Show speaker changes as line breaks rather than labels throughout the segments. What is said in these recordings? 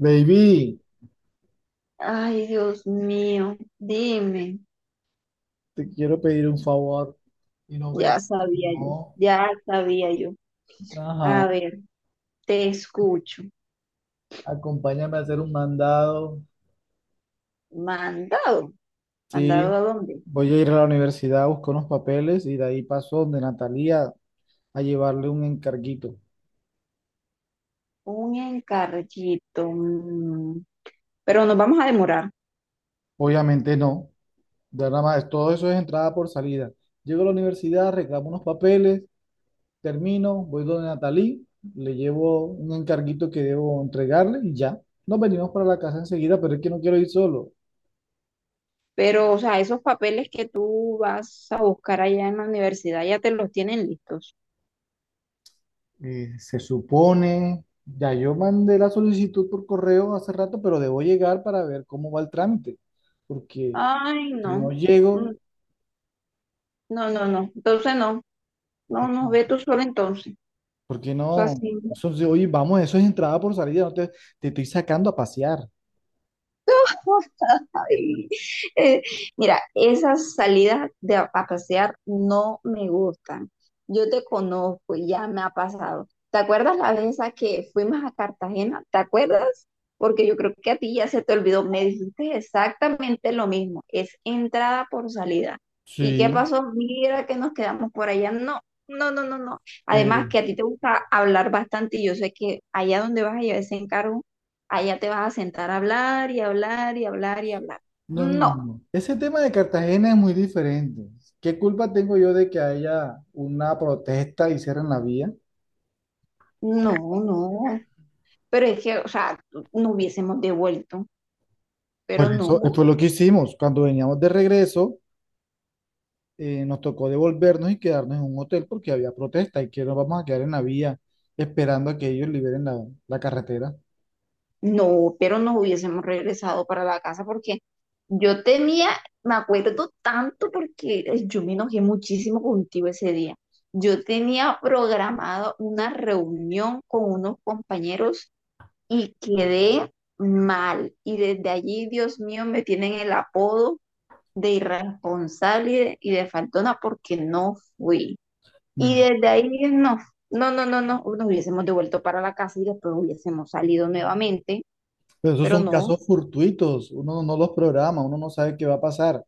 Baby,
Ay, Dios mío, dime.
te quiero pedir un favor. Y no,
Ya
baby,
sabía yo,
no.
ya sabía yo. A
Ajá,
ver, te escucho.
acompáñame a hacer un mandado.
Mandado. ¿Mandado
Sí,
a dónde?
voy a ir a la universidad, busco unos papeles y de ahí paso donde Natalia a llevarle un encarguito.
Un encarguito. Pero nos vamos a demorar.
Obviamente no, ya nada más, todo eso es entrada por salida. Llego a la universidad, reclamo unos papeles, termino, voy donde Natalie, le llevo un encarguito que debo entregarle y ya. Nos venimos para la casa enseguida, pero es que no quiero ir solo.
Pero, o sea, esos papeles que tú vas a buscar allá en la universidad ya te los tienen listos.
Se supone, ya yo mandé la solicitud por correo hace rato, pero debo llegar para ver cómo va el trámite, porque
Ay,
si
no.
no llego,
Mm, no, no, no. Entonces no. No,
¿por qué,
no, ve tú solo entonces.
por qué
O sea,
no?
sí.
Eso, sí, oye, vamos, eso es entrada por salida, no te, te estoy sacando a pasear.
Ay, eh, mira, esas salidas de a pasear no me gustan. Yo te conozco, y ya me ha pasado. ¿Te acuerdas la vez esa que fuimos a Cartagena? ¿Te acuerdas? Porque yo creo que a ti ya se te olvidó. Me dijiste exactamente lo mismo. Es entrada por salida. ¿Y qué
Sí,
pasó? Mira que nos quedamos por allá. No, no, no, no, no. Además que
pero
a ti te gusta hablar bastante y yo sé que allá donde vas a llevar ese encargo, allá te vas a sentar a hablar y hablar y hablar y hablar.
no, no,
No,
no. no. Ese tema de Cartagena es muy diferente. ¿Qué culpa tengo yo de que haya una protesta y cierren la vía?
no, no. Pero es que, o sea, no hubiésemos devuelto, pero
Pues eso
no,
fue lo que hicimos cuando veníamos de regreso. Nos tocó devolvernos y quedarnos en un hotel porque había protesta y que nos vamos a quedar en la vía esperando a que ellos liberen la carretera.
no, pero nos hubiésemos regresado para la casa porque yo temía, me acuerdo tanto porque yo me enojé muchísimo contigo ese día. Yo tenía programado una reunión con unos compañeros y quedé mal. Y desde allí, Dios mío, me tienen el apodo de irresponsable y de faltona porque no fui. Y
No.
desde ahí no, no, no, no, no, nos hubiésemos devuelto para la casa y después hubiésemos salido nuevamente,
Pero esos
pero
son
no,
casos fortuitos, uno no los programa, uno no sabe qué va a pasar.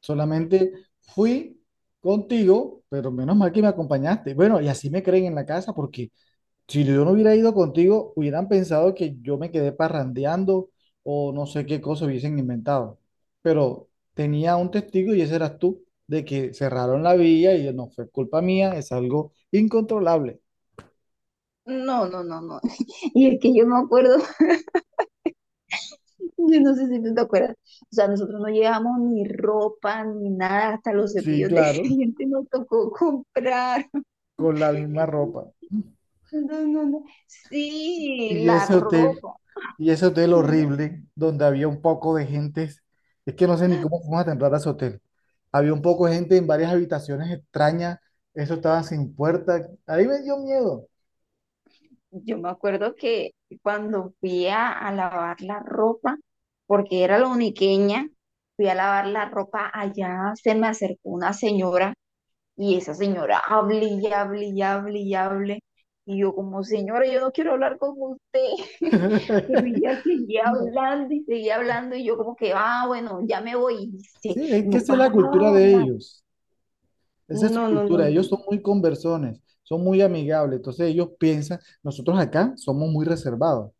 Solamente fui contigo, pero menos mal que me acompañaste. Bueno, y así me creen en la casa porque si yo no hubiera ido contigo, hubieran pensado que yo me quedé parrandeando o no sé qué cosa hubiesen inventado. Pero tenía un testigo y ese eras tú, de que cerraron la vía y no fue culpa mía, es algo incontrolable.
no, no, no, no. Y es que yo me acuerdo, yo no sé si tú te acuerdas, o sea, nosotros no llevamos ni ropa ni nada, hasta los
Sí,
cepillos de
claro,
dientes nos tocó comprar.
con la misma ropa.
No, no, no. Sí,
Y
la
ese hotel,
ropa.
y ese hotel
No,
horrible, donde había un poco de gentes, es que no sé ni cómo fuimos a entrar a ese hotel. Había un poco de gente en varias habitaciones extrañas, eso estaba sin puerta. Ahí me dio miedo.
yo me acuerdo que cuando fui a lavar la ropa, porque era la uniqueña, fui a lavar la ropa allá, se me acercó una señora y esa señora hable y hable y hable y hable. Y yo como señora, yo no quiero hablar con usted, pero ella
No,
seguía hablando y yo como que, ah, bueno, ya me voy. Y dice,
sí, es que
no
esa es
paraba
la
de
cultura de
hablar.
ellos. Esa es su
No, no, no,
cultura. Ellos
no.
son muy conversones, son muy amigables. Entonces ellos piensan, nosotros acá somos muy reservados.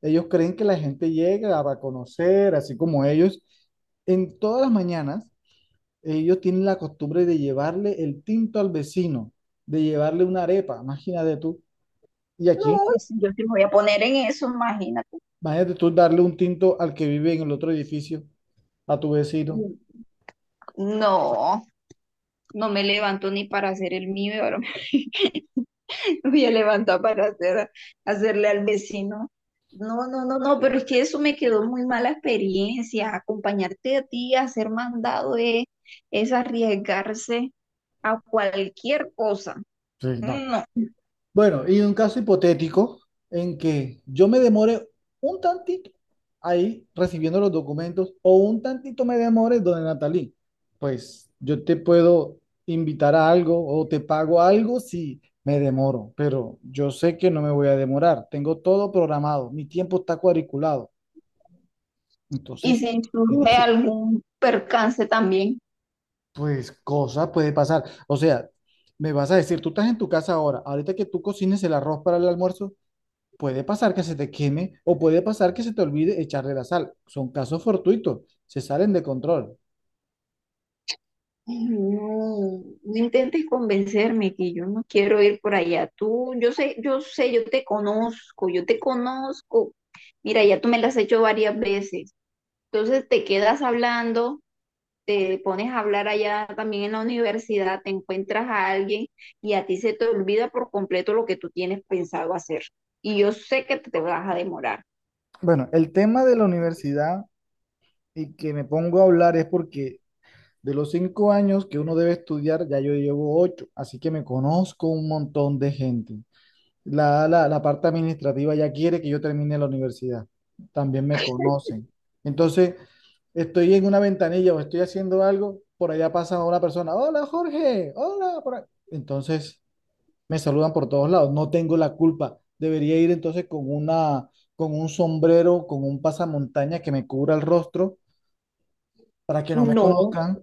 Ellos creen que la gente llega a conocer, así como ellos. En todas las mañanas, ellos tienen la costumbre de llevarle el tinto al vecino, de llevarle una arepa, imagínate tú. Y
No,
aquí,
yo sí me voy a poner en eso, imagínate.
imagínate tú darle un tinto al que vive en el otro edificio, a tu vecino.
Mm, no. No me levanto ni para hacer el mío, y ahora me me voy a levantar para hacerle al vecino. No, no, no, no, pero es que eso me quedó muy mala experiencia. Acompañarte a ti, a ser mandado es arriesgarse a cualquier cosa.
Sí, no.
No.
Bueno, y un caso hipotético en que yo me demore un tantito ahí recibiendo los documentos o un tantito me demore, donde Natalí, pues yo te puedo invitar a algo o te pago algo si me demoro, pero yo sé que no me voy a demorar, tengo todo programado, mi tiempo está cuadriculado.
Y
Entonces,
si
me
surge
dice,
algún percance también.
pues cosa puede pasar. O sea, me vas a decir, tú estás en tu casa ahora, ahorita que tú cocines el arroz para el almuerzo. Puede pasar que se te queme o puede pasar que se te olvide echarle la sal. Son casos fortuitos, se salen de control.
No, no intentes convencerme que yo no quiero ir por allá. Tú, yo sé, yo sé, yo te conozco, yo te conozco. Mira, ya tú me las has hecho varias veces. Entonces te quedas hablando, te pones a hablar allá también en la universidad, te encuentras a alguien y a ti se te olvida por completo lo que tú tienes pensado hacer. Y yo sé que te vas a demorar.
Bueno, el tema de la universidad y que me pongo a hablar es porque de los 5 años que uno debe estudiar, ya yo llevo 8, así que me conozco un montón de gente. La parte administrativa ya quiere que yo termine la universidad, también me conocen. Entonces, estoy en una ventanilla o estoy haciendo algo, por allá pasa una persona, hola Jorge, hola, por ahí". Entonces me saludan por todos lados, no tengo la culpa. Debería ir entonces con un sombrero, con un pasamontaña que me cubra el rostro para que no me
No,
conozcan.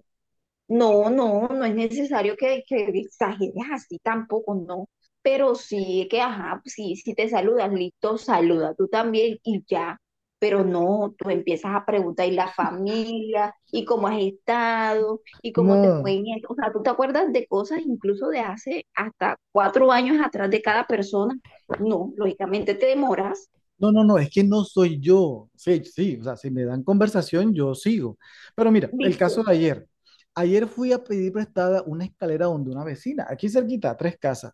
no, no, no es necesario que exageres así tampoco, no. Pero sí que, ajá, sí, si te saludas, listo, saluda tú también y ya. Pero no, tú empiezas a preguntar y la familia, y cómo has estado, y cómo te fue
No,
en esto. O sea, tú te acuerdas de cosas incluso de hace hasta 4 años atrás de cada persona. No, lógicamente te demoras,
no, es que no soy yo. Sí, sí, o sea, si me dan conversación, yo sigo. Pero mira, el
¿viste?
caso de ayer. Ayer fui a pedir prestada una escalera donde una vecina, aquí cerquita, a 3 casas.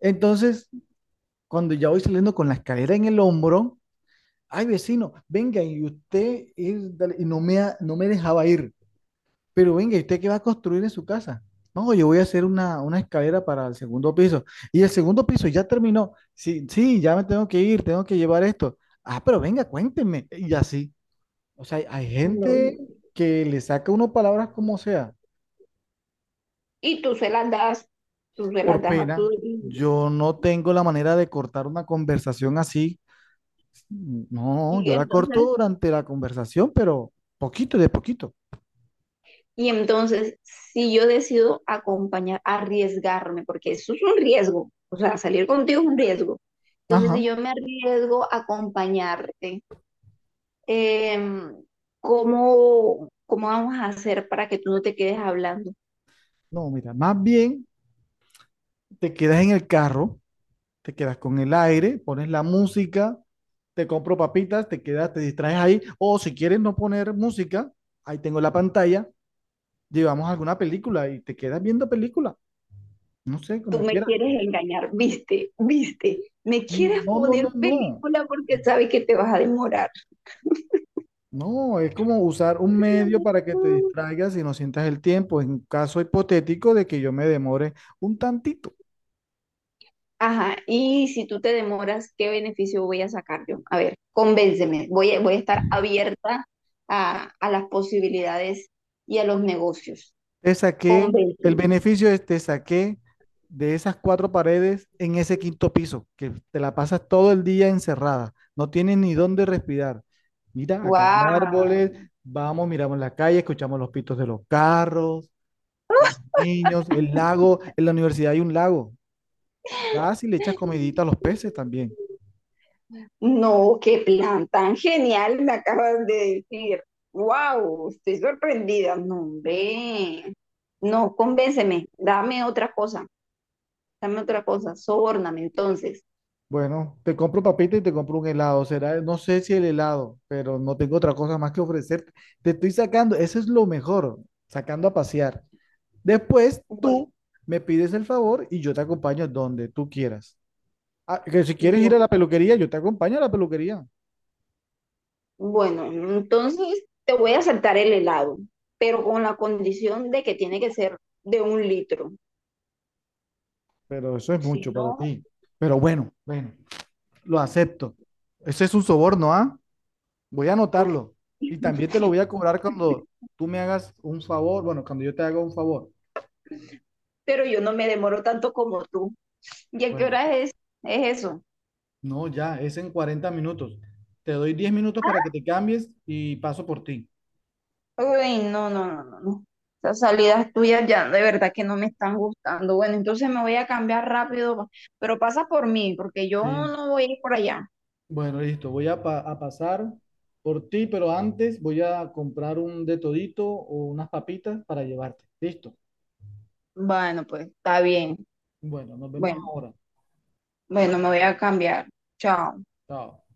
Entonces, cuando ya voy saliendo con la escalera en el hombro, ay, vecino, venga, y usted, y, dale, no me dejaba ir. Pero venga, ¿y usted qué va a construir en su casa? No, yo voy a hacer una escalera para el segundo piso. Y el segundo piso ya terminó. Sí, sí, ya me tengo que ir, tengo que llevar esto. Ah, pero venga, cuéntenme. Y así. O sea, hay
No,
gente
no.
que le saca uno palabras como sea,
Y tú se las das, tú se las
por
das a tu...
pena. Yo no tengo la manera de cortar una conversación así. No,
Y
yo la corto
entonces
durante la conversación, pero poquito de poquito.
Y entonces, si yo decido acompañar, arriesgarme, porque eso es un riesgo, o sea, salir contigo es un riesgo. Entonces, si
Ajá.
yo me arriesgo a acompañarte, em, ¿cómo, cómo vamos a hacer para que tú no te quedes hablando?
No, mira, más bien te quedas en el carro, te quedas con el aire, pones la música, te compro papitas, te quedas, te distraes ahí, o si quieres no poner música, ahí tengo la pantalla, llevamos alguna película y te quedas viendo película, no sé,
Tú
como
me
quieras.
quieres engañar, viste, viste, me quieres
No, no, no,
poner
no.
película porque sabes que te vas a demorar.
No, es como usar un medio para que te distraigas y no sientas el tiempo, en caso hipotético de que yo me demore un tantito.
Ajá, y si tú te demoras, ¿qué beneficio voy a sacar yo? A ver, convénceme, voy a estar abierta a las posibilidades y a los negocios.
Te saqué, el
Convénceme.
beneficio es te saqué de esas cuatro paredes en ese quinto piso, que te la pasas todo el día encerrada, no tienes ni dónde respirar. Mira, acá hay
¡Wow!
árboles, vamos, miramos la calle, escuchamos los pitos de los carros, los niños, el lago, en la universidad hay un lago. Vas y le echas comidita a los peces también.
No, qué plan tan genial me acabas de decir. ¡Wow! Estoy sorprendida. No, ve. No, convénceme. Dame otra cosa. Dame otra cosa. Sobórname entonces.
Bueno, te compro papita y te compro un helado. Será, no sé si el helado, pero no tengo otra cosa más que ofrecerte. Te estoy sacando, eso es lo mejor, sacando a pasear. Después
Bueno,
tú me pides el favor y yo te acompaño donde tú quieras. Ah, que si quieres ir a
bueno.
la peluquería, yo te acompaño a la peluquería,
Bueno, entonces te voy a saltar el helado, pero con la condición de que tiene que ser de un litro.
pero eso es
Si
mucho para
no,
ti. Pero bueno, lo acepto. Ese es un soborno, ¿ah? Voy a
ok.
anotarlo. Y también te lo voy a cobrar cuando tú me hagas un favor, bueno, cuando yo te haga un favor.
Pero yo no me demoro tanto como tú. ¿Y a qué
Bueno,
hora es eso?
no, ya, es en 40 minutos. Te doy 10 minutos para que te cambies y paso por ti.
Uy, no, no, no, no, no. Esas salidas tuyas ya de verdad que no me están gustando. Bueno, entonces me voy a cambiar rápido, pero pasa por mí, porque yo
Sí.
no voy a ir por allá.
Bueno, listo. A pasar por ti, pero antes voy a comprar un de todito o unas papitas para llevarte. Listo.
Bueno, pues está bien.
Bueno, nos vemos
Bueno,
ahora.
bueno, me voy a cambiar. Chao.
Chao.